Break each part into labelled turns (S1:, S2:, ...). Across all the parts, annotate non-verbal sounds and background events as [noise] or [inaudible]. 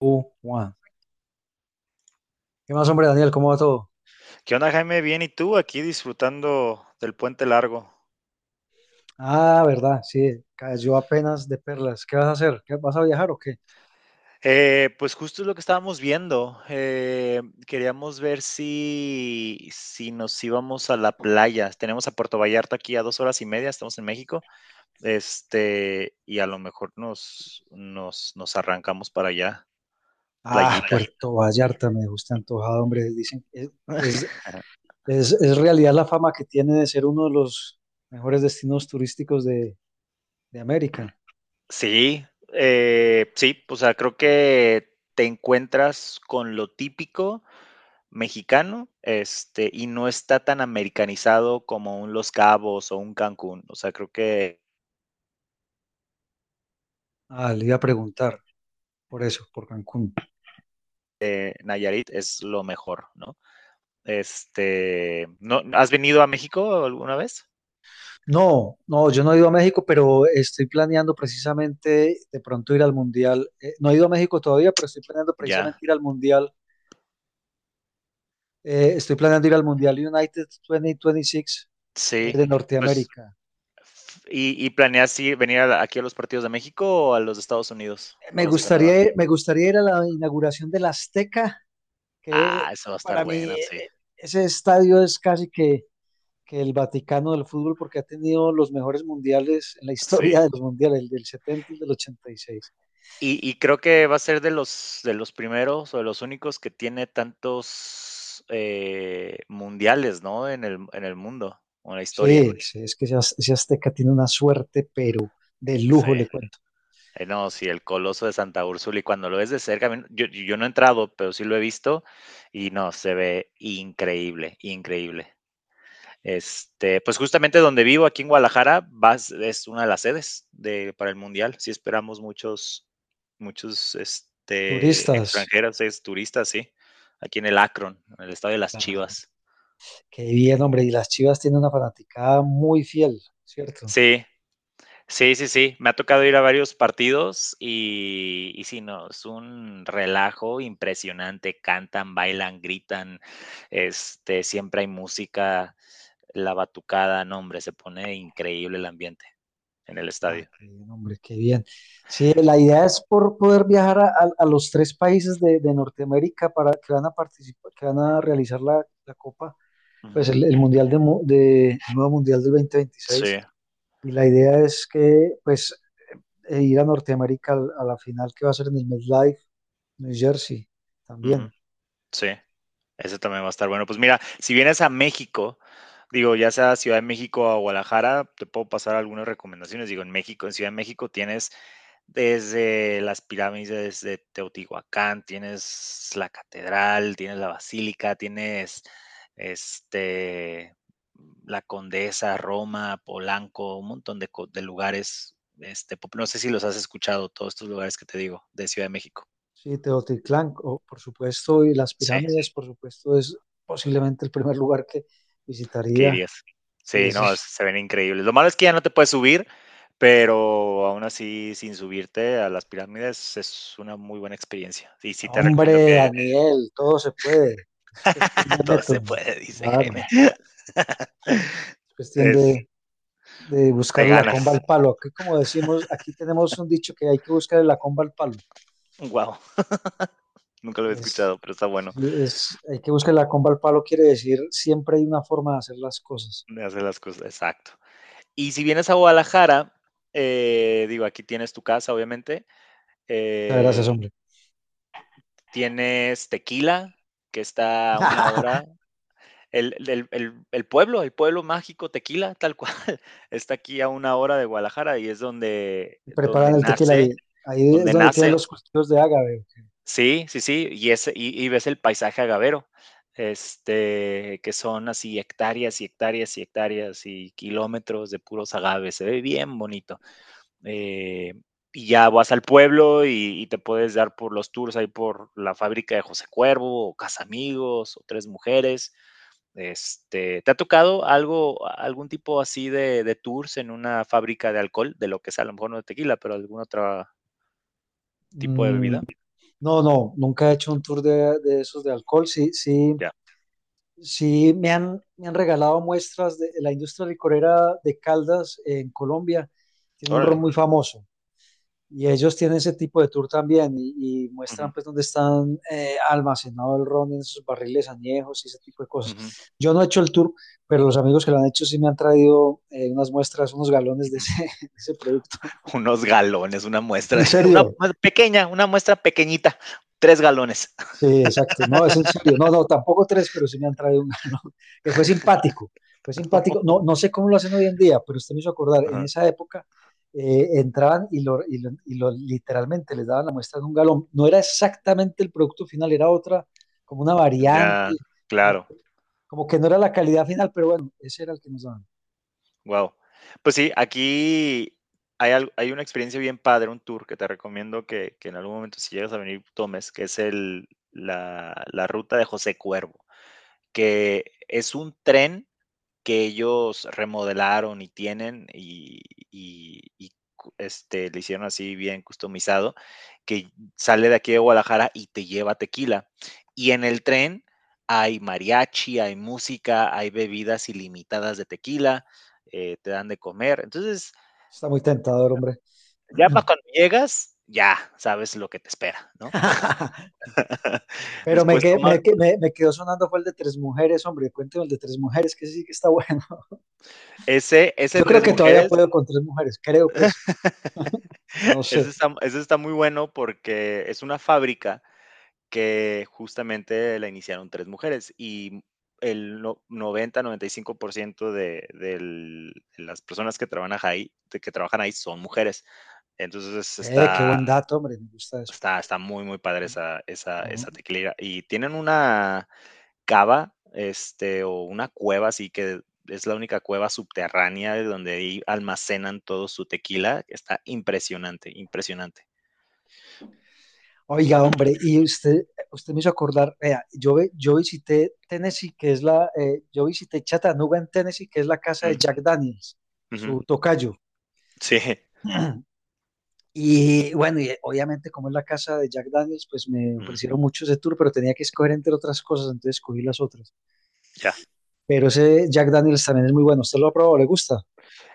S1: Juan. ¿Qué más, hombre, Daniel? ¿Cómo va todo?
S2: ¿Qué onda, Jaime? Bien, ¿y tú? Aquí disfrutando del puente largo.
S1: Ah, verdad, sí, cayó apenas de perlas. ¿Qué vas a hacer? ¿Qué, vas a viajar o qué?
S2: Pues justo es lo que estábamos viendo. Queríamos ver si nos íbamos a la playa. Tenemos a Puerto Vallarta aquí a 2 horas y media, estamos en México. Este, y a lo mejor nos arrancamos para allá,
S1: Ah,
S2: playita.
S1: Puerto Vallarta, me gusta antojado, hombre. Dicen que es,
S2: [laughs]
S1: es, es realidad la fama que tiene de ser uno de los mejores destinos turísticos de América.
S2: Sí, sí, o sea, creo que te encuentras con lo típico mexicano, este, y no está tan americanizado como un Los Cabos o un Cancún. O sea, creo que
S1: Ah, le iba a preguntar por eso, por Cancún.
S2: Nayarit es lo mejor, ¿no? Este, ¿no has venido a México alguna vez?
S1: No, no, yo no he ido a México, pero estoy planeando precisamente de pronto ir al Mundial. No he ido a México todavía, pero estoy planeando precisamente
S2: Ya,
S1: ir al Mundial. Estoy planeando ir al Mundial United 2026,
S2: sí.
S1: de
S2: Pues,
S1: Norteamérica.
S2: y venir a aquí a los partidos de México o a los de Estados Unidos o los de Canadá?
S1: Me gustaría ir a la inauguración del Azteca, que
S2: Ah, esa va a estar
S1: para mí
S2: buena, sí,
S1: ese estadio es que el Vaticano del fútbol porque ha tenido los mejores mundiales en la
S2: sí.
S1: historia de los mundiales, el del 70 y el del ochenta y seis.
S2: Y creo que va a ser de los primeros o de los únicos que tiene tantos, mundiales, ¿no? En el mundo, o en la historia.
S1: Sí, sí, es que ese Azteca tiene una suerte, pero de
S2: Sí.
S1: lujo, le cuento.
S2: No, sí, el Coloso de Santa Úrsula, y cuando lo ves de cerca, a mí yo no he entrado, pero sí lo he visto, y no, se ve increíble, increíble. Este, pues justamente donde vivo, aquí en Guadalajara, vas, es una de las sedes de, para el Mundial. Sí esperamos muchos, muchos este,
S1: Turistas,
S2: extranjeros, es, turistas, sí. Aquí en el Akron, en el estado de las Chivas.
S1: qué bien, hombre, y las Chivas tienen una fanaticada muy fiel, ¿cierto?
S2: Sí, sí, sí, sí. Me ha tocado ir a varios partidos y sí, no, es un relajo impresionante. Cantan, bailan, gritan. Este, siempre hay música, la batucada, no, hombre, se pone increíble el ambiente en el
S1: Ah,
S2: estadio.
S1: qué bien, hombre, qué bien. Sí, la idea es por poder viajar a los tres países de Norteamérica para que van a participar, que van a realizar la Copa, pues
S2: Ujú.
S1: el Mundial de el nuevo Mundial del dos mil
S2: Sí,
S1: veintiséis. Y la idea es que, pues, ir a Norteamérica a la final que va a ser en el MetLife, New Jersey, también.
S2: ujú, sí. Ese también va a estar bueno. Pues mira, si vienes a México, digo, ya sea Ciudad de México o Guadalajara, te puedo pasar algunas recomendaciones. Digo, en México, en Ciudad de México tienes desde las pirámides de Teotihuacán, tienes la catedral, tienes la basílica, tienes este la Condesa, Roma, Polanco, un montón de, de lugares. Este, no sé si los has escuchado, todos estos lugares que te digo, de Ciudad de México.
S1: Sí, Teotihuacán, o, por supuesto, y las
S2: Sí.
S1: pirámides, por supuesto, es posiblemente el primer lugar que
S2: ¿Qué
S1: visitaría.
S2: dirías?
S1: Sí,
S2: Sí,
S1: eso
S2: no,
S1: es.
S2: se ven increíbles. Lo malo es que ya no te puedes subir, pero aún así, sin subirte a las pirámides, es una muy buena experiencia. Y sí te recomiendo
S1: Hombre,
S2: que
S1: Daniel, todo se puede. Es cuestión de
S2: [laughs] todo se
S1: método.
S2: puede, dice
S1: Claro,
S2: Jaime. [laughs]
S1: es cuestión
S2: Es
S1: de buscar
S2: de
S1: la comba
S2: ganas.
S1: al palo. Aquí, como decimos, aquí tenemos un dicho que hay que buscar la comba al palo.
S2: Wow, nunca lo había
S1: Es,
S2: escuchado, pero está bueno
S1: hay que buscar la comba al palo, quiere decir siempre hay una forma de hacer las cosas.
S2: de hacer las cosas. Exacto. Y si vienes a Guadalajara, digo, aquí tienes tu casa, obviamente.
S1: Muchas
S2: eh,
S1: gracias, hombre.
S2: Tienes Tequila, que está a una hora.
S1: [laughs]
S2: El pueblo, el pueblo mágico Tequila, tal cual, [laughs] está aquí a una hora de Guadalajara y es donde
S1: Preparan el tequila ahí.
S2: nace,
S1: Ahí es
S2: donde
S1: donde tienen
S2: nace.
S1: los cultivos de ágave.
S2: Sí, sí, sí, y ese y ves el paisaje agavero, este, que son así hectáreas y hectáreas y hectáreas y kilómetros de puros agaves, se ve bien bonito. Eh, y ya vas al pueblo y te puedes dar por los tours ahí por la fábrica de José Cuervo, o Casa Amigos o Tres Mujeres, este, ¿te ha tocado algo algún tipo así de tours en una fábrica de alcohol? De lo que sea, a lo mejor no de tequila, pero algún otro tipo de
S1: Mm,
S2: bebida.
S1: no, no, nunca he hecho un tour de esos de alcohol. Sí, sí,
S2: Ya,
S1: sí, me han regalado muestras de la industria licorera de Caldas, en Colombia. Tiene un ron
S2: órale.
S1: muy famoso y ellos tienen ese tipo de tour también y muestran
S2: Ujú,
S1: pues dónde están, almacenado el ron en sus barriles añejos y ese tipo de
S2: ujú,
S1: cosas.
S2: ujú.
S1: Yo no he hecho el tour, pero los amigos que lo han hecho sí me han traído, unas muestras, unos galones de ese,
S2: [laughs]
S1: [laughs] de ese producto. [laughs]
S2: Unos galones, una muestra
S1: En
S2: [laughs] una
S1: serio,
S2: mue pequeña, una muestra pequeñita, 3 galones.
S1: sí, exacto. No, es en serio. No, no, tampoco tres, pero sí me han traído un galón, [laughs] que fue simpático. Fue simpático. No, no sé cómo lo hacen hoy en día, pero usted me hizo acordar, en
S2: Ajá,
S1: esa época entraban y literalmente les daban la muestra de un galón. No era exactamente el producto final, era otra, como una variante,
S2: ya,
S1: como
S2: claro,
S1: que, como que no era la calidad final, pero bueno, ese era el que nos daban.
S2: wow. Pues sí, aquí hay una experiencia bien padre, un tour que te recomiendo que en algún momento, si llegas a venir, tomes, que es el la la ruta de José Cuervo, que es un tren que ellos remodelaron y tienen este, le hicieron así bien customizado, que sale de aquí de Guadalajara y te lleva a Tequila. Y en el tren hay mariachi, hay música, hay bebidas ilimitadas de tequila, te dan de comer. Entonces,
S1: Está muy tentador, hombre.
S2: ya pa' cuando llegas, ya sabes lo que te espera, ¿no?
S1: [clears throat]
S2: [laughs]
S1: Pero
S2: Después tomas
S1: me quedó sonando fue el de tres mujeres, hombre. Cuénteme el de tres mujeres, que sí que está [laughs] bueno.
S2: ese, ese
S1: Yo creo
S2: Tres
S1: que todavía
S2: Mujeres.
S1: puedo con tres mujeres, creo, pues, no
S2: Eso
S1: sé.
S2: está muy bueno porque es una fábrica que justamente la iniciaron tres mujeres y el no, noventa, no 90, 95% de las personas que trabajan ahí son mujeres. Entonces,
S1: Qué buen dato, hombre, me gusta eso.
S2: está muy, muy padre esa esa
S1: Ujú.
S2: esa tequilera. Y tienen una cava, este, o una cueva, así que es la única cueva subterránea de donde ahí almacenan todo su tequila. Está impresionante, impresionante.
S1: Oiga, hombre, y usted, usted me hizo acordar, vea, yo visité Tennessee, que es la, yo visité Chattanooga en Tennessee, que es la casa de
S2: Mm.
S1: Jack Daniels,
S2: Ujú.
S1: su tocayo.
S2: Sí, [laughs]
S1: [clears throat] Y bueno, y obviamente como es la casa de Jack Daniels, pues me
S2: mm,
S1: ofrecieron mucho ese tour, pero tenía que escoger entre otras cosas, entonces escogí las otras.
S2: ya.
S1: Pero ese Jack Daniels también es muy bueno, ¿usted lo ha probado? ¿Le gusta?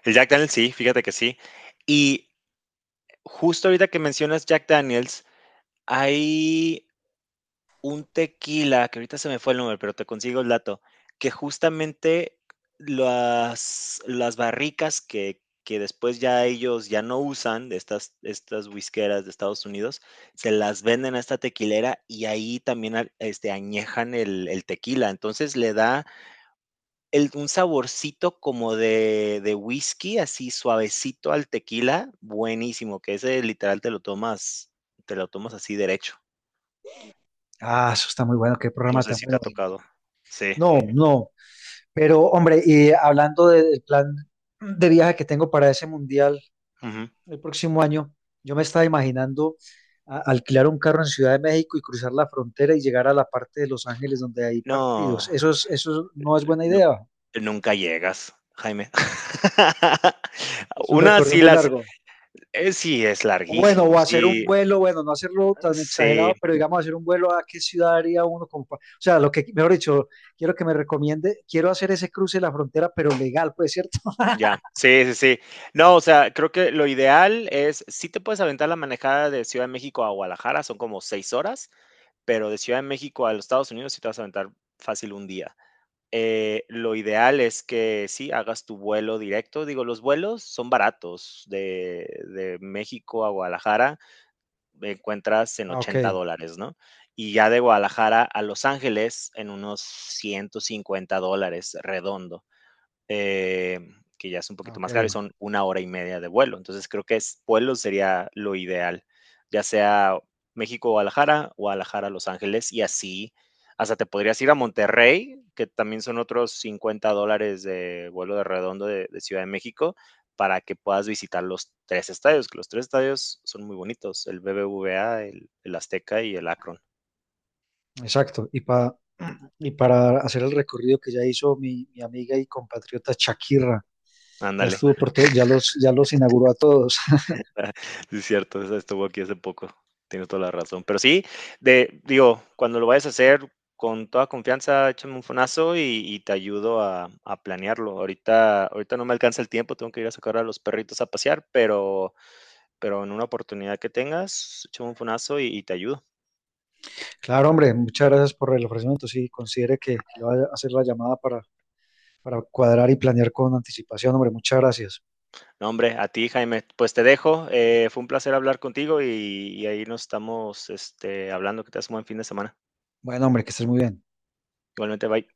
S2: El Jack Daniels sí, fíjate que sí. Y justo ahorita que mencionas Jack Daniels, hay un tequila, que ahorita se me fue el nombre, pero te consigo el dato, que justamente las barricas que después ya ellos no usan de estas whiskeras de Estados Unidos, se las venden a esta tequilera y ahí también al este, añejan el tequila. Entonces, le da el un saborcito como de whisky, así suavecito al tequila, buenísimo, que ese literal te lo tomas así derecho.
S1: Ah, eso está muy bueno, qué
S2: No
S1: programa
S2: sé
S1: tan
S2: si te
S1: bueno.
S2: ha tocado. Sí,
S1: No, no. Pero, hombre, y hablando del plan de viaje que tengo para ese mundial
S2: ujú.
S1: el próximo año, yo me estaba imaginando alquilar un carro en Ciudad de México y cruzar la frontera y llegar a la parte de Los Ángeles donde hay partidos.
S2: No,
S1: Eso no es buena
S2: nu
S1: idea.
S2: nunca llegas, Jaime. [laughs]
S1: Es un
S2: Una
S1: recorrido
S2: sí
S1: muy
S2: las
S1: largo.
S2: sí, es
S1: O Bueno,
S2: larguísimo,
S1: o hacer un
S2: sí,
S1: vuelo, bueno, no hacerlo tan exagerado,
S2: sí.
S1: pero digamos hacer un vuelo a qué ciudad haría uno. O sea, lo que, mejor dicho, quiero que me recomiende, quiero hacer ese cruce de la frontera, pero legal, pues, ¿cierto? [laughs]
S2: Ya, sí, sí, sí. No, o sea, creo que lo ideal es, sí te puedes aventar la manejada de Ciudad de México a Guadalajara, son como 6 horas, pero de Ciudad de México a los Estados Unidos sí te vas a aventar fácil un día. Lo ideal es que sí hagas tu vuelo directo. Digo, los vuelos son baratos de México a Guadalajara, encuentras en
S1: Ah, ok,
S2: $80, ¿no? Y ya de Guadalajara a Los Ángeles en unos $150 redondo, eh, que ya es un poquito
S1: ok.
S2: más caro y son una hora y media de vuelo. Entonces creo que es, vuelo sería lo ideal, ya sea México-Guadalajara, Guadalajara-Los Ángeles y así. Hasta te podrías ir a Monterrey, que también son otros $50 de vuelo de redondo de Ciudad de México, para que puedas visitar los tres estadios, que los tres estadios son muy bonitos, el BBVA, el Azteca y el Akron.
S1: Exacto, y para hacer el recorrido que ya hizo mi amiga y compatriota Shakira, ya
S2: Ándale.
S1: estuvo por todos ya los inauguró a todos. [laughs]
S2: [laughs] Sí, es cierto, esa estuvo aquí hace poco. Tienes toda la razón. Pero sí, de, digo, cuando lo vayas a hacer, con toda confianza, échame un fonazo y te ayudo a planearlo. Ahorita, ahorita no me alcanza el tiempo, tengo que ir a sacar a los perritos a pasear, pero en una oportunidad que tengas, échame un fonazo y te ayudo.
S1: Claro, hombre, muchas gracias por el ofrecimiento. Sí, considere que le va a hacer la llamada para cuadrar y planear con anticipación, hombre, muchas gracias.
S2: No, hombre, a ti, Jaime, pues te dejo. Fue un placer hablar contigo y ahí nos estamos este, hablando. Que te hagas un buen fin de semana.
S1: Bueno, hombre, que estés muy bien.
S2: Igualmente, bye.